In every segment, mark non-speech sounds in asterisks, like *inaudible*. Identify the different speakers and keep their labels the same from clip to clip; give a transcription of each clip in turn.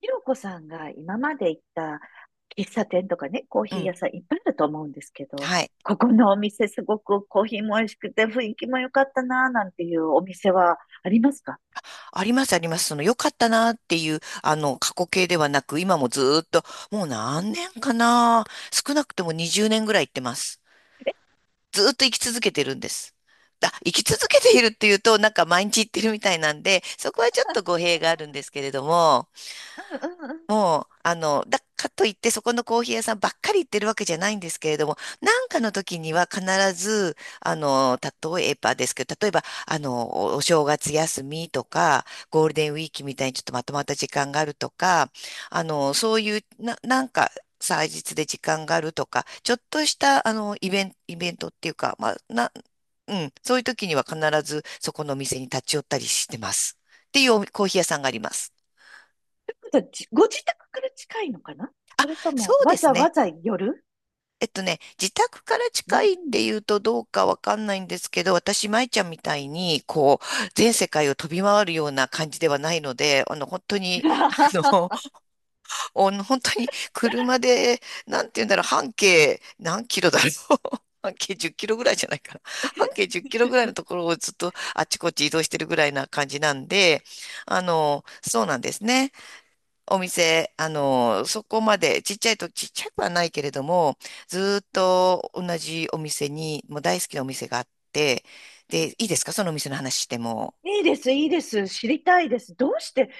Speaker 1: ひろこさんが今まで行った喫茶店とかね、コー
Speaker 2: う
Speaker 1: ヒー
Speaker 2: ん。
Speaker 1: 屋さんいっぱいあると思うんですけど、
Speaker 2: はい。
Speaker 1: ここのお店すごくコーヒーも美味しくて雰囲気も良かったなぁなんていうお店はありますか？
Speaker 2: ありますあります。その良かったなっていう、過去形ではなく、今もずーっと、もう何年かな。少なくとも20年ぐらい行ってます。ずーっと生き続けてるんです。あ、生き続けているっていうと、なんか毎日行ってるみたいなんで、そこはちょっと語弊があるんですけれども、
Speaker 1: うんうんうん。と
Speaker 2: もう、だかといってそこのコーヒー屋さんばっかり行ってるわけじゃないんですけれども、なんかの時には必ず、例えばですけど、例えば、おお正月休みとか、ゴールデンウィークみたいにちょっとまとまった時間があるとか、あの、そういう、な、なんか、祭日で時間があるとか、ちょっとした、イベントっていうか、まあ、な、うん、そういう時には必ずそこのお店に立ち寄ったりしてます。っていうおコーヒー屋さんがあります。
Speaker 1: いうことはご自宅から近いのかな？
Speaker 2: あ、
Speaker 1: それと
Speaker 2: そ
Speaker 1: も
Speaker 2: うで
Speaker 1: わ
Speaker 2: す
Speaker 1: ざわ
Speaker 2: ね。
Speaker 1: ざ寄る？
Speaker 2: えっとね、自宅から
Speaker 1: うんう
Speaker 2: 近いってい
Speaker 1: ん。
Speaker 2: うとどうかわかんないんですけど、私、舞ちゃんみたいに、こう、全世界を飛び回るような感じではないので、本当に、あ
Speaker 1: *laughs*
Speaker 2: の、*laughs* お本当に車で、なんて言うんだろう、半径何キロだろう。*laughs* 半径10キロぐらいじゃないかな。半径1キロぐらいのところをずっとあっちこっち移動してるぐらいな感じなんで、そうなんですね。お店、そこまで、ちっちゃくはないけれども、ずーっと同じお店に、もう大好きなお店があって、で、いいですかそのお店の話しても。
Speaker 1: いいです、いいです。知りたいです。どうして、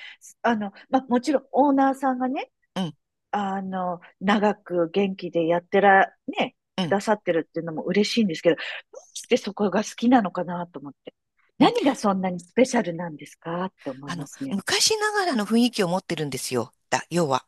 Speaker 1: もちろんオーナーさんがね、
Speaker 2: うん、
Speaker 1: 長く元気でやってら、ね、
Speaker 2: う
Speaker 1: く
Speaker 2: ん、
Speaker 1: ださってるっていうのも嬉しいんですけど、どうしてそこが好きなのかなと思って。
Speaker 2: うん。
Speaker 1: 何がそんなにスペシャルなんですかって思い
Speaker 2: あ
Speaker 1: ま
Speaker 2: の、
Speaker 1: すね。
Speaker 2: 昔ながらの雰囲気を持ってるんですよ。だ、要は。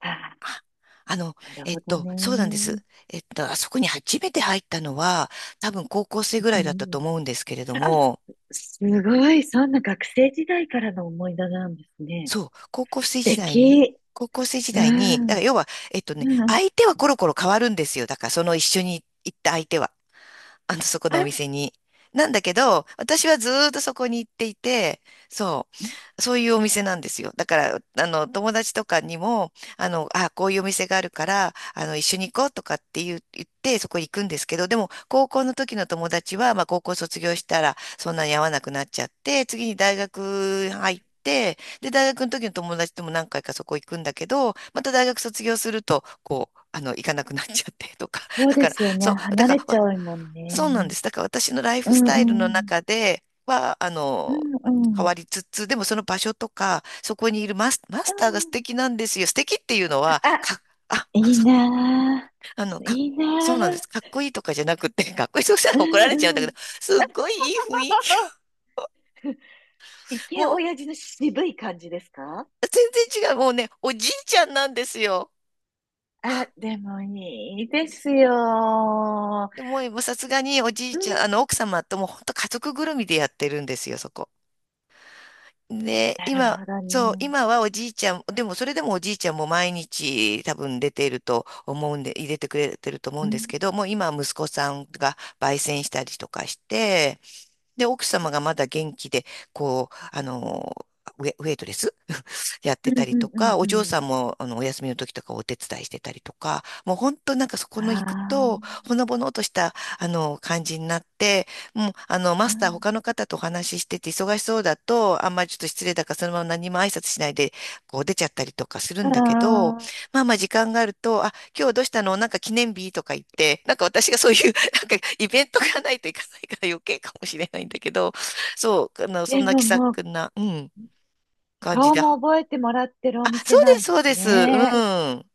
Speaker 1: ああ、
Speaker 2: あ、あの、
Speaker 1: なるほど
Speaker 2: そうなんで
Speaker 1: ね。
Speaker 2: す。えっと、あそこに初めて入ったのは、多分高校生ぐら
Speaker 1: う
Speaker 2: いだったと
Speaker 1: ん、
Speaker 2: 思うんですけれど
Speaker 1: あ、
Speaker 2: も、
Speaker 1: すごい。そんな学生時代からの思い出なんですね。
Speaker 2: そう、高校
Speaker 1: 素
Speaker 2: 生時代に、
Speaker 1: 敵。
Speaker 2: 高校生時
Speaker 1: う
Speaker 2: 代に、だ
Speaker 1: ん、
Speaker 2: から要は、えっとね、
Speaker 1: うん。
Speaker 2: 相手はコロコロ変わるんですよ。だからその一緒に行った相手は。あの、そこのお
Speaker 1: あ、
Speaker 2: 店に。なんだけど、私はずーっとそこに行っていて、そう、そういうお店なんですよ。だから、友達とかにも、あ、こういうお店があるから、一緒に行こうとかって言う、言って、そこ行くんですけど、でも、高校の時の友達は、まあ、高校卒業したら、そんなに会わなくなっちゃって、次に大学入って、で、大学の時の友達とも何回かそこ行くんだけど、また大学卒業すると、こう、行かなくなっちゃってとか、
Speaker 1: そう
Speaker 2: だ
Speaker 1: で
Speaker 2: から、
Speaker 1: すよね。
Speaker 2: そう、だ
Speaker 1: 離
Speaker 2: か
Speaker 1: れ
Speaker 2: ら、
Speaker 1: ち
Speaker 2: わ
Speaker 1: ゃうもん
Speaker 2: そ
Speaker 1: ね。
Speaker 2: うなんです。だから私のライ
Speaker 1: う
Speaker 2: フスタイル
Speaker 1: ん
Speaker 2: の
Speaker 1: うん。
Speaker 2: 中では、
Speaker 1: うんうん。うん
Speaker 2: 変
Speaker 1: うん。
Speaker 2: わりつつ、でもその場所とか、そこにいるマス、マスターが素敵なんですよ。素敵っていうのは、
Speaker 1: あ、
Speaker 2: か、あ、*laughs*
Speaker 1: いい
Speaker 2: そう
Speaker 1: な
Speaker 2: あの、
Speaker 1: ぁ。
Speaker 2: か、
Speaker 1: いいな
Speaker 2: そうなんです。か
Speaker 1: ぁ。
Speaker 2: っこいいとかじゃなくて、かっこいい、そうした
Speaker 1: う
Speaker 2: ら怒られちゃうんだ
Speaker 1: んう
Speaker 2: けど、
Speaker 1: ん。
Speaker 2: すっごいいい雰囲気。
Speaker 1: イケ
Speaker 2: も
Speaker 1: オ
Speaker 2: う、
Speaker 1: ヤジの渋い感じですか？
Speaker 2: 全然違う。もうね、おじいちゃんなんですよ。
Speaker 1: あ、でもいいですよ。
Speaker 2: でもう、もうさすがにおじ
Speaker 1: う
Speaker 2: い
Speaker 1: ん。
Speaker 2: ちゃん、奥様とも本当家族ぐるみでやってるんですよ、そこ。で、
Speaker 1: なる
Speaker 2: 今、
Speaker 1: ほど
Speaker 2: そう、
Speaker 1: ね。
Speaker 2: 今はおじいちゃん、でもそれでもおじいちゃんも毎日多分出ていると思うんで、入れてくれてると思う
Speaker 1: う
Speaker 2: んです
Speaker 1: ん。
Speaker 2: けど、もう今は息子さんが焙煎したりとかして、で、奥様がまだ元気で、こう、あの、ウェイトレスやっ
Speaker 1: う
Speaker 2: てた
Speaker 1: ん
Speaker 2: り
Speaker 1: う
Speaker 2: と
Speaker 1: んう
Speaker 2: か、
Speaker 1: ん
Speaker 2: お
Speaker 1: う
Speaker 2: 嬢さ
Speaker 1: ん。
Speaker 2: んもあのお休みの時とかお手伝いしてたりとか、もう本当なんかそこの
Speaker 1: あ
Speaker 2: 行くと、ほのぼのとしたあの感じになって、もうあのマ
Speaker 1: あ、う
Speaker 2: スター他の方とお話ししてて忙しそうだと、あんまりちょっと失礼だからそのまま何も挨拶しないでこう出ちゃったりとかする
Speaker 1: ん。
Speaker 2: んだけど、
Speaker 1: ああ。
Speaker 2: まあまあ時間があると、あ、今日どうしたのなんか記念日とか言って、なんか私がそういう *laughs* なんかイベントがないといかないから余計かもしれないんだけど、そう、あのそ
Speaker 1: で
Speaker 2: んな気
Speaker 1: も
Speaker 2: さ
Speaker 1: もう、
Speaker 2: くな、うん、感じ
Speaker 1: 顔
Speaker 2: で
Speaker 1: も覚えてもらってるお
Speaker 2: あ、
Speaker 1: 店
Speaker 2: そうで
Speaker 1: な
Speaker 2: す、
Speaker 1: んで
Speaker 2: そう
Speaker 1: す
Speaker 2: です。う
Speaker 1: ね。
Speaker 2: ん。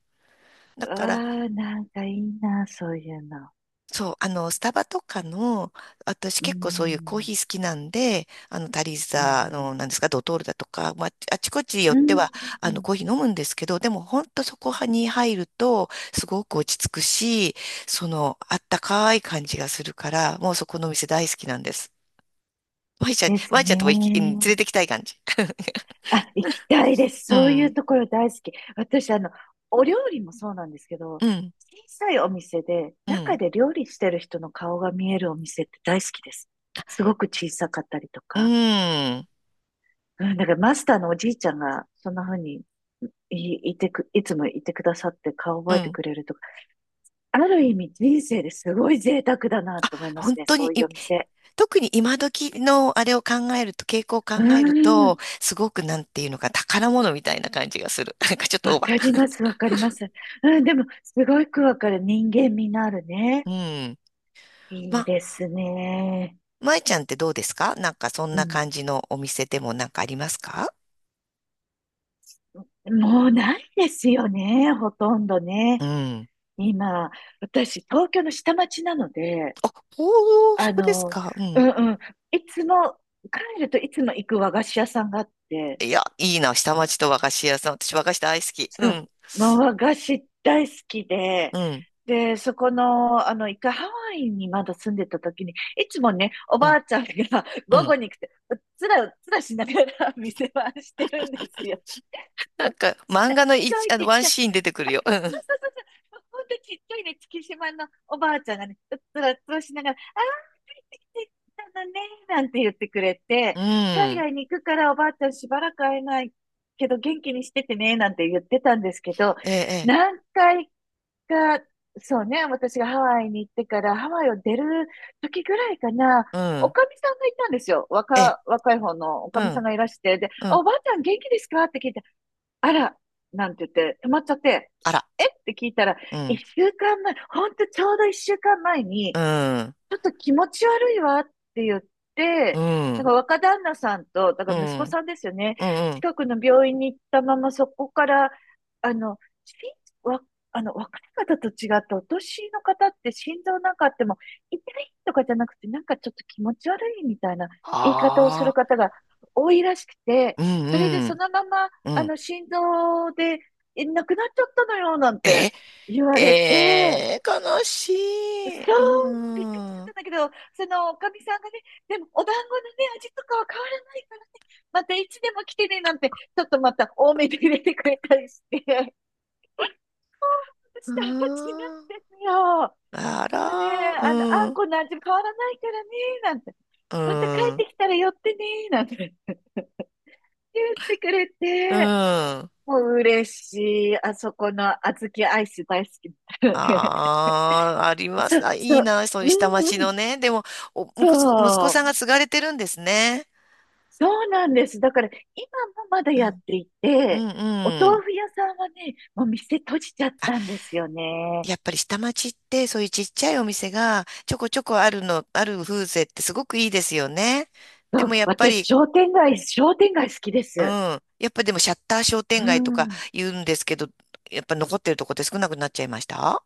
Speaker 2: だ
Speaker 1: うわ
Speaker 2: から、
Speaker 1: あ、なんかいいな、そういうの。
Speaker 2: そう、スタバとかの、私
Speaker 1: う
Speaker 2: 結構そういうコー
Speaker 1: ん。
Speaker 2: ヒー好きなんで、あの、タリー
Speaker 1: う
Speaker 2: ザ、あの、なん
Speaker 1: ん
Speaker 2: ですか、ドトールだとか、まあ、あちこち寄っ
Speaker 1: う
Speaker 2: て
Speaker 1: ん。うん
Speaker 2: は、
Speaker 1: うん
Speaker 2: コーヒー飲むんですけど、でも、ほんとそこに入ると、すごく落ち着くし、その、あったかい感じがするから、もうそこのお店大好きなんです。
Speaker 1: です
Speaker 2: まいちゃん
Speaker 1: ね。
Speaker 2: とも行き、うん連れてきたい感じ。*laughs*
Speaker 1: あ、行きたいです。
Speaker 2: う
Speaker 1: そういう
Speaker 2: ん、
Speaker 1: ところ大好き。私、お料理もそうなんですけど、
Speaker 2: うん、
Speaker 1: 小さいお店で、
Speaker 2: う
Speaker 1: 中
Speaker 2: ん、
Speaker 1: で料理してる人の顔が見えるお店って大好きです。すごく小さかったりと
Speaker 2: う
Speaker 1: か。
Speaker 2: ん、
Speaker 1: うん、だからマスターのおじいちゃんが、そんな風にいつもいてくださって顔
Speaker 2: う
Speaker 1: 覚えて
Speaker 2: ん。
Speaker 1: くれるとか。ある意味人生ですごい贅沢だなと思います
Speaker 2: 本
Speaker 1: ね。
Speaker 2: 当
Speaker 1: そ
Speaker 2: に
Speaker 1: うい
Speaker 2: い、
Speaker 1: うお店。
Speaker 2: 特に今時のあれを考えると、傾向を考
Speaker 1: う
Speaker 2: えると、
Speaker 1: ん。
Speaker 2: すごくなんていうのか、宝物みたいな感じがする。*laughs* なんかちょっと
Speaker 1: わ
Speaker 2: オーバ
Speaker 1: かりま
Speaker 2: ー。
Speaker 1: す、わかります。うん、でも、すごくわかる。人間味のあるね。
Speaker 2: うん。
Speaker 1: いい
Speaker 2: ま、
Speaker 1: ですね。
Speaker 2: まえちゃんってどうですかなんかそん
Speaker 1: う
Speaker 2: な
Speaker 1: ん。
Speaker 2: 感じのお店でもなんかありますか
Speaker 1: もうないですよね、ほとんど
Speaker 2: う
Speaker 1: ね。
Speaker 2: ん。
Speaker 1: 今、私、東京の下町なので、
Speaker 2: あ、おー、そ
Speaker 1: あ
Speaker 2: うです
Speaker 1: の、
Speaker 2: か。う
Speaker 1: う
Speaker 2: ん。
Speaker 1: んうん、いつも、帰るといつも行く和菓子屋さんがあって、
Speaker 2: いや、いいな、下町と和菓子屋さん。私和菓子大好き。う
Speaker 1: そう、
Speaker 2: ん。
Speaker 1: 和菓子大好き
Speaker 2: う
Speaker 1: で、
Speaker 2: ん。
Speaker 1: で、そこの、一回ハワイにまだ住んでた時に、いつもね、お
Speaker 2: う
Speaker 1: ば
Speaker 2: ん。
Speaker 1: あちゃんが *laughs*
Speaker 2: う
Speaker 1: 午後
Speaker 2: ん。
Speaker 1: に来て、うっつらうっつらしながら *laughs* 店番してるんですよ。
Speaker 2: なんか漫画の
Speaker 1: すご
Speaker 2: 一、
Speaker 1: い
Speaker 2: あの、
Speaker 1: ちっ
Speaker 2: ワン
Speaker 1: ちゃい。*laughs*
Speaker 2: シーン出てくる
Speaker 1: あ
Speaker 2: よ。う
Speaker 1: そ
Speaker 2: ん。
Speaker 1: うそうそうそう。ほんとちっちゃいね、月島のおばあちゃんがね、うっつらうっつらしながら、ああ、帰ってきてたのね、なんて言ってくれ
Speaker 2: う
Speaker 1: て、海
Speaker 2: ん。
Speaker 1: 外に行くからおばあちゃんしばらく会えないけど元気にしててね、なんて言ってたんですけど、
Speaker 2: ええ、
Speaker 1: 何回か、そうね、私がハワイに行ってからハワイを出る時ぐらいかな、
Speaker 2: ええ、う
Speaker 1: お
Speaker 2: ん。
Speaker 1: かみさんがいたんですよ。
Speaker 2: ええ、
Speaker 1: 若い方のおか
Speaker 2: う
Speaker 1: みさん
Speaker 2: ん。
Speaker 1: がいらして、で、
Speaker 2: う
Speaker 1: あ、
Speaker 2: ん。
Speaker 1: おばあちゃん元気ですかって聞いて、あら、なんて言って、止まっちゃって、
Speaker 2: あら。
Speaker 1: えって聞いたら、
Speaker 2: う
Speaker 1: 一
Speaker 2: ん、
Speaker 1: 週間前、ほんとちょうど一週間前
Speaker 2: う
Speaker 1: に、
Speaker 2: ん、
Speaker 1: ちょっと気持ち悪いわって言っ
Speaker 2: う
Speaker 1: て、なん
Speaker 2: ん、
Speaker 1: か若旦那さんと、だ
Speaker 2: う
Speaker 1: から息子
Speaker 2: ん、
Speaker 1: さんですよね。
Speaker 2: うん、うん、
Speaker 1: 近くの病院に行ったままそこから、あの、しわ、あの、若い方と違ってお年の方って心臓なんかあっても、痛いとかじゃなくて、なんかちょっと気持ち悪いみたいな言い方をする
Speaker 2: ああ、
Speaker 1: 方が多いらしくて、
Speaker 2: う
Speaker 1: それで
Speaker 2: ん、う
Speaker 1: そ
Speaker 2: ん。
Speaker 1: のまま、
Speaker 2: うん
Speaker 1: 心臓で亡くなっちゃったのよ、なん
Speaker 2: え、
Speaker 1: て言われて、
Speaker 2: えー、悲しい。
Speaker 1: そ
Speaker 2: う
Speaker 1: う、もうびっくりしちゃっ
Speaker 2: ん、
Speaker 1: た
Speaker 2: う
Speaker 1: んだけど、そのおかみさんがね、でもお団子のね、味とかは変わらないからね、またいつでも来てね、なんて、ちょっとまた多めで入れてくれたりして、*laughs* 下
Speaker 2: ん、
Speaker 1: 町なんですよ。
Speaker 2: あ
Speaker 1: もうね、
Speaker 2: ら、う
Speaker 1: あ
Speaker 2: ん、
Speaker 1: ん
Speaker 2: う
Speaker 1: この味変わらないからね、なんて、また帰っ
Speaker 2: ん、
Speaker 1: てきたら寄ってね、なんて言ってくれ
Speaker 2: う
Speaker 1: て、
Speaker 2: ん。
Speaker 1: もう嬉しい。あそこの小豆アイス大好きだったので、
Speaker 2: ああ、あり
Speaker 1: *laughs*
Speaker 2: ま
Speaker 1: そ
Speaker 2: す。あ、
Speaker 1: う、
Speaker 2: い
Speaker 1: そ
Speaker 2: い
Speaker 1: う、
Speaker 2: な、そう
Speaker 1: う
Speaker 2: いう
Speaker 1: ん
Speaker 2: 下町
Speaker 1: う
Speaker 2: の
Speaker 1: ん、
Speaker 2: ね。でも、お、
Speaker 1: そ
Speaker 2: 息子息子さん
Speaker 1: う、
Speaker 2: が継がれてるんですね。
Speaker 1: そうなんです。だから今もまだ
Speaker 2: う
Speaker 1: やっ
Speaker 2: ん、
Speaker 1: てい
Speaker 2: う
Speaker 1: て、
Speaker 2: ん、
Speaker 1: お
Speaker 2: う
Speaker 1: 豆
Speaker 2: ん。
Speaker 1: 腐屋さんはね、もう店閉じちゃったんですよね。
Speaker 2: やっぱり下町ってそういうちっちゃいお店がちょこちょこあるの、ある風情ってすごくいいですよね。で
Speaker 1: そう、
Speaker 2: もやっぱ
Speaker 1: 私、
Speaker 2: り、
Speaker 1: 商店街好きで
Speaker 2: う
Speaker 1: す。
Speaker 2: ん。やっぱでもシャッター商
Speaker 1: う
Speaker 2: 店街とか
Speaker 1: ん。
Speaker 2: 言うんですけど、やっぱ残ってるとこって少なくなっちゃいました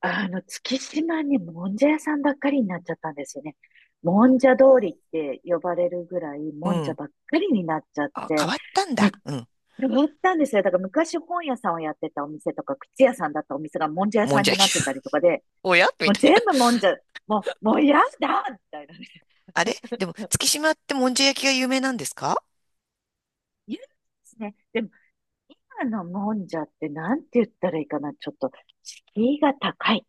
Speaker 1: 月島にもんじゃ屋さんばっかりになっちゃったんですよね。もんじゃ通りって呼ばれるぐらい、
Speaker 2: う
Speaker 1: もんじゃ
Speaker 2: ん。
Speaker 1: ばっかりになっちゃっ
Speaker 2: あ、変
Speaker 1: て、
Speaker 2: わったんだ。
Speaker 1: む、
Speaker 2: うん。
Speaker 1: 変わったんですよ。だから昔本屋さんをやってたお店とか、靴屋さんだったお店がもんじゃ屋
Speaker 2: も
Speaker 1: さ
Speaker 2: ん
Speaker 1: ん
Speaker 2: じゃ
Speaker 1: にな
Speaker 2: 焼
Speaker 1: っ
Speaker 2: き。
Speaker 1: てたりとかで、
Speaker 2: *laughs* おやみ
Speaker 1: もう
Speaker 2: たいな。
Speaker 1: 全部もんじゃ、もう、もう嫌だみたいなね。
Speaker 2: あれ
Speaker 1: *laughs*
Speaker 2: でも月島ってもんじゃ焼きが有名なんですか
Speaker 1: 言うんですね。でも、今のもんじゃってなんて言ったらいいかな。ちょっと、敷居が高い。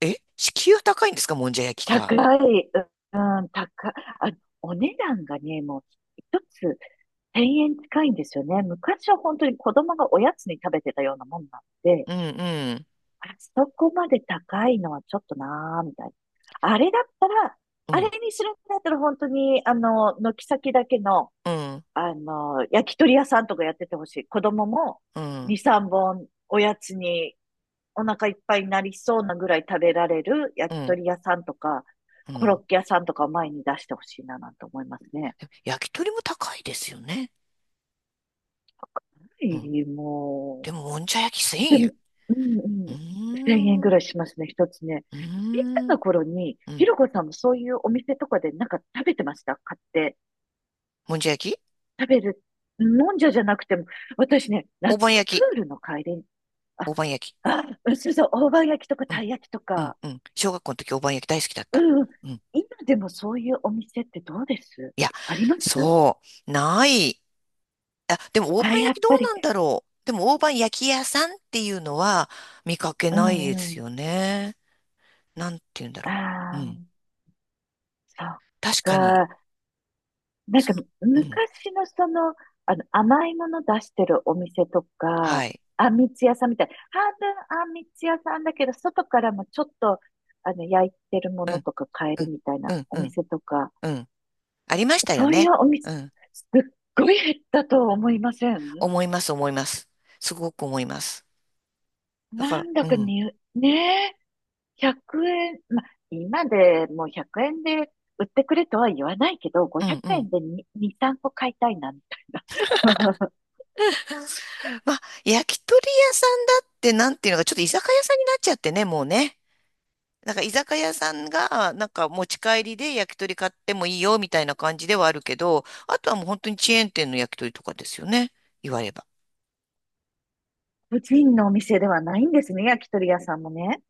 Speaker 2: え敷居は高いんですかもんじゃ焼きが。
Speaker 1: 高い。うん、高い。あ、お値段がね、もう、一つ千円近いんですよね。昔は本当に子供がおやつに食べてたようなもんなんで、
Speaker 2: うんうん
Speaker 1: あそこまで高いのはちょっとなーみたいな。あれだったら、
Speaker 2: う
Speaker 1: あれ
Speaker 2: ん
Speaker 1: にするんだったら本当に、軒先だけの、
Speaker 2: うん
Speaker 1: 焼き鳥屋さんとかやっててほしい。子供も
Speaker 2: うん
Speaker 1: 2、3本おやつにお腹いっぱいになりそうなぐらい食べられる
Speaker 2: う
Speaker 1: 焼き
Speaker 2: ん
Speaker 1: 鳥屋さんとか、
Speaker 2: う
Speaker 1: コロッ
Speaker 2: ん。
Speaker 1: ケ屋さんとかを前に出してほしいななんて思いますね。
Speaker 2: でも焼き鳥も高いですよね。
Speaker 1: は
Speaker 2: うん
Speaker 1: い、も
Speaker 2: でも、もんじゃ焼き1000
Speaker 1: う、で
Speaker 2: 円。
Speaker 1: も、うんう
Speaker 2: うー
Speaker 1: ん。1000円ぐ
Speaker 2: ん、う
Speaker 1: らいしますね、一つね。
Speaker 2: ー
Speaker 1: 小さ
Speaker 2: ん、
Speaker 1: な頃に、
Speaker 2: う
Speaker 1: ひ
Speaker 2: ん。
Speaker 1: ろこさんもそういうお店とかでなんか食べてました買って？
Speaker 2: もんじゃ焼き
Speaker 1: 食べる。もんじゃじゃなくても、私ね、
Speaker 2: 大
Speaker 1: 夏
Speaker 2: 判
Speaker 1: のプ
Speaker 2: 焼き。
Speaker 1: ールの帰りあ、
Speaker 2: 大判焼き。
Speaker 1: あ、うんそうそう、大判焼きとか
Speaker 2: う
Speaker 1: た
Speaker 2: ん、
Speaker 1: い焼きと
Speaker 2: うん、
Speaker 1: か。
Speaker 2: うん。小学校の時大判焼き大好きだっ
Speaker 1: う
Speaker 2: た。
Speaker 1: んうん。
Speaker 2: うん。
Speaker 1: 今でもそういうお店ってどうです？
Speaker 2: いや、
Speaker 1: あります
Speaker 2: そう、ない。あ、でも大
Speaker 1: あ、
Speaker 2: 判
Speaker 1: やっ
Speaker 2: 焼きど
Speaker 1: ぱ
Speaker 2: う
Speaker 1: り。
Speaker 2: なんだろう。でも大判焼き屋さんっていうのは見かけ
Speaker 1: う
Speaker 2: ない
Speaker 1: ん
Speaker 2: で
Speaker 1: う
Speaker 2: す
Speaker 1: ん。
Speaker 2: よね。なんて言うんだろう。う
Speaker 1: ああ、
Speaker 2: ん。
Speaker 1: そっ
Speaker 2: 確かに、
Speaker 1: か。なん
Speaker 2: そ
Speaker 1: か、
Speaker 2: の、うん。
Speaker 1: 昔の甘いもの出してるお店と
Speaker 2: は
Speaker 1: か、
Speaker 2: い。
Speaker 1: あんみつ屋さんみたい。半分あんみつ屋さんだけど、外からもちょっと、焼いてるも
Speaker 2: う
Speaker 1: の
Speaker 2: ん、
Speaker 1: とか買え
Speaker 2: う
Speaker 1: る
Speaker 2: ん、
Speaker 1: みたい
Speaker 2: う
Speaker 1: な
Speaker 2: ん、
Speaker 1: お
Speaker 2: うん、
Speaker 1: 店とか、
Speaker 2: うん。ありましたよ
Speaker 1: そうい
Speaker 2: ね。
Speaker 1: うお店、
Speaker 2: うん。
Speaker 1: すっごい減ったとは思いません？
Speaker 2: 思います、思います。すごく思います。だか
Speaker 1: なんだ
Speaker 2: ら、う
Speaker 1: か
Speaker 2: ん、
Speaker 1: に、ねえ、100円、まあ、今でもう100円で売ってくれとは言わないけど、
Speaker 2: う
Speaker 1: 500
Speaker 2: ん、うん。
Speaker 1: 円で2、2、3個買いたいなんて。*laughs*
Speaker 2: まあ、焼き鳥屋さんだってなんていうのか、ちょっと居酒屋さんになっちゃってね、もうね。なんか居酒屋さんが、なんか持ち帰りで焼き鳥買ってもいいよ、みたいな感じではあるけど、あとはもう本当にチェーン店の焼き鳥とかですよね、言われば。
Speaker 1: 個人のお店ではないんですね、焼き鳥屋さんもね。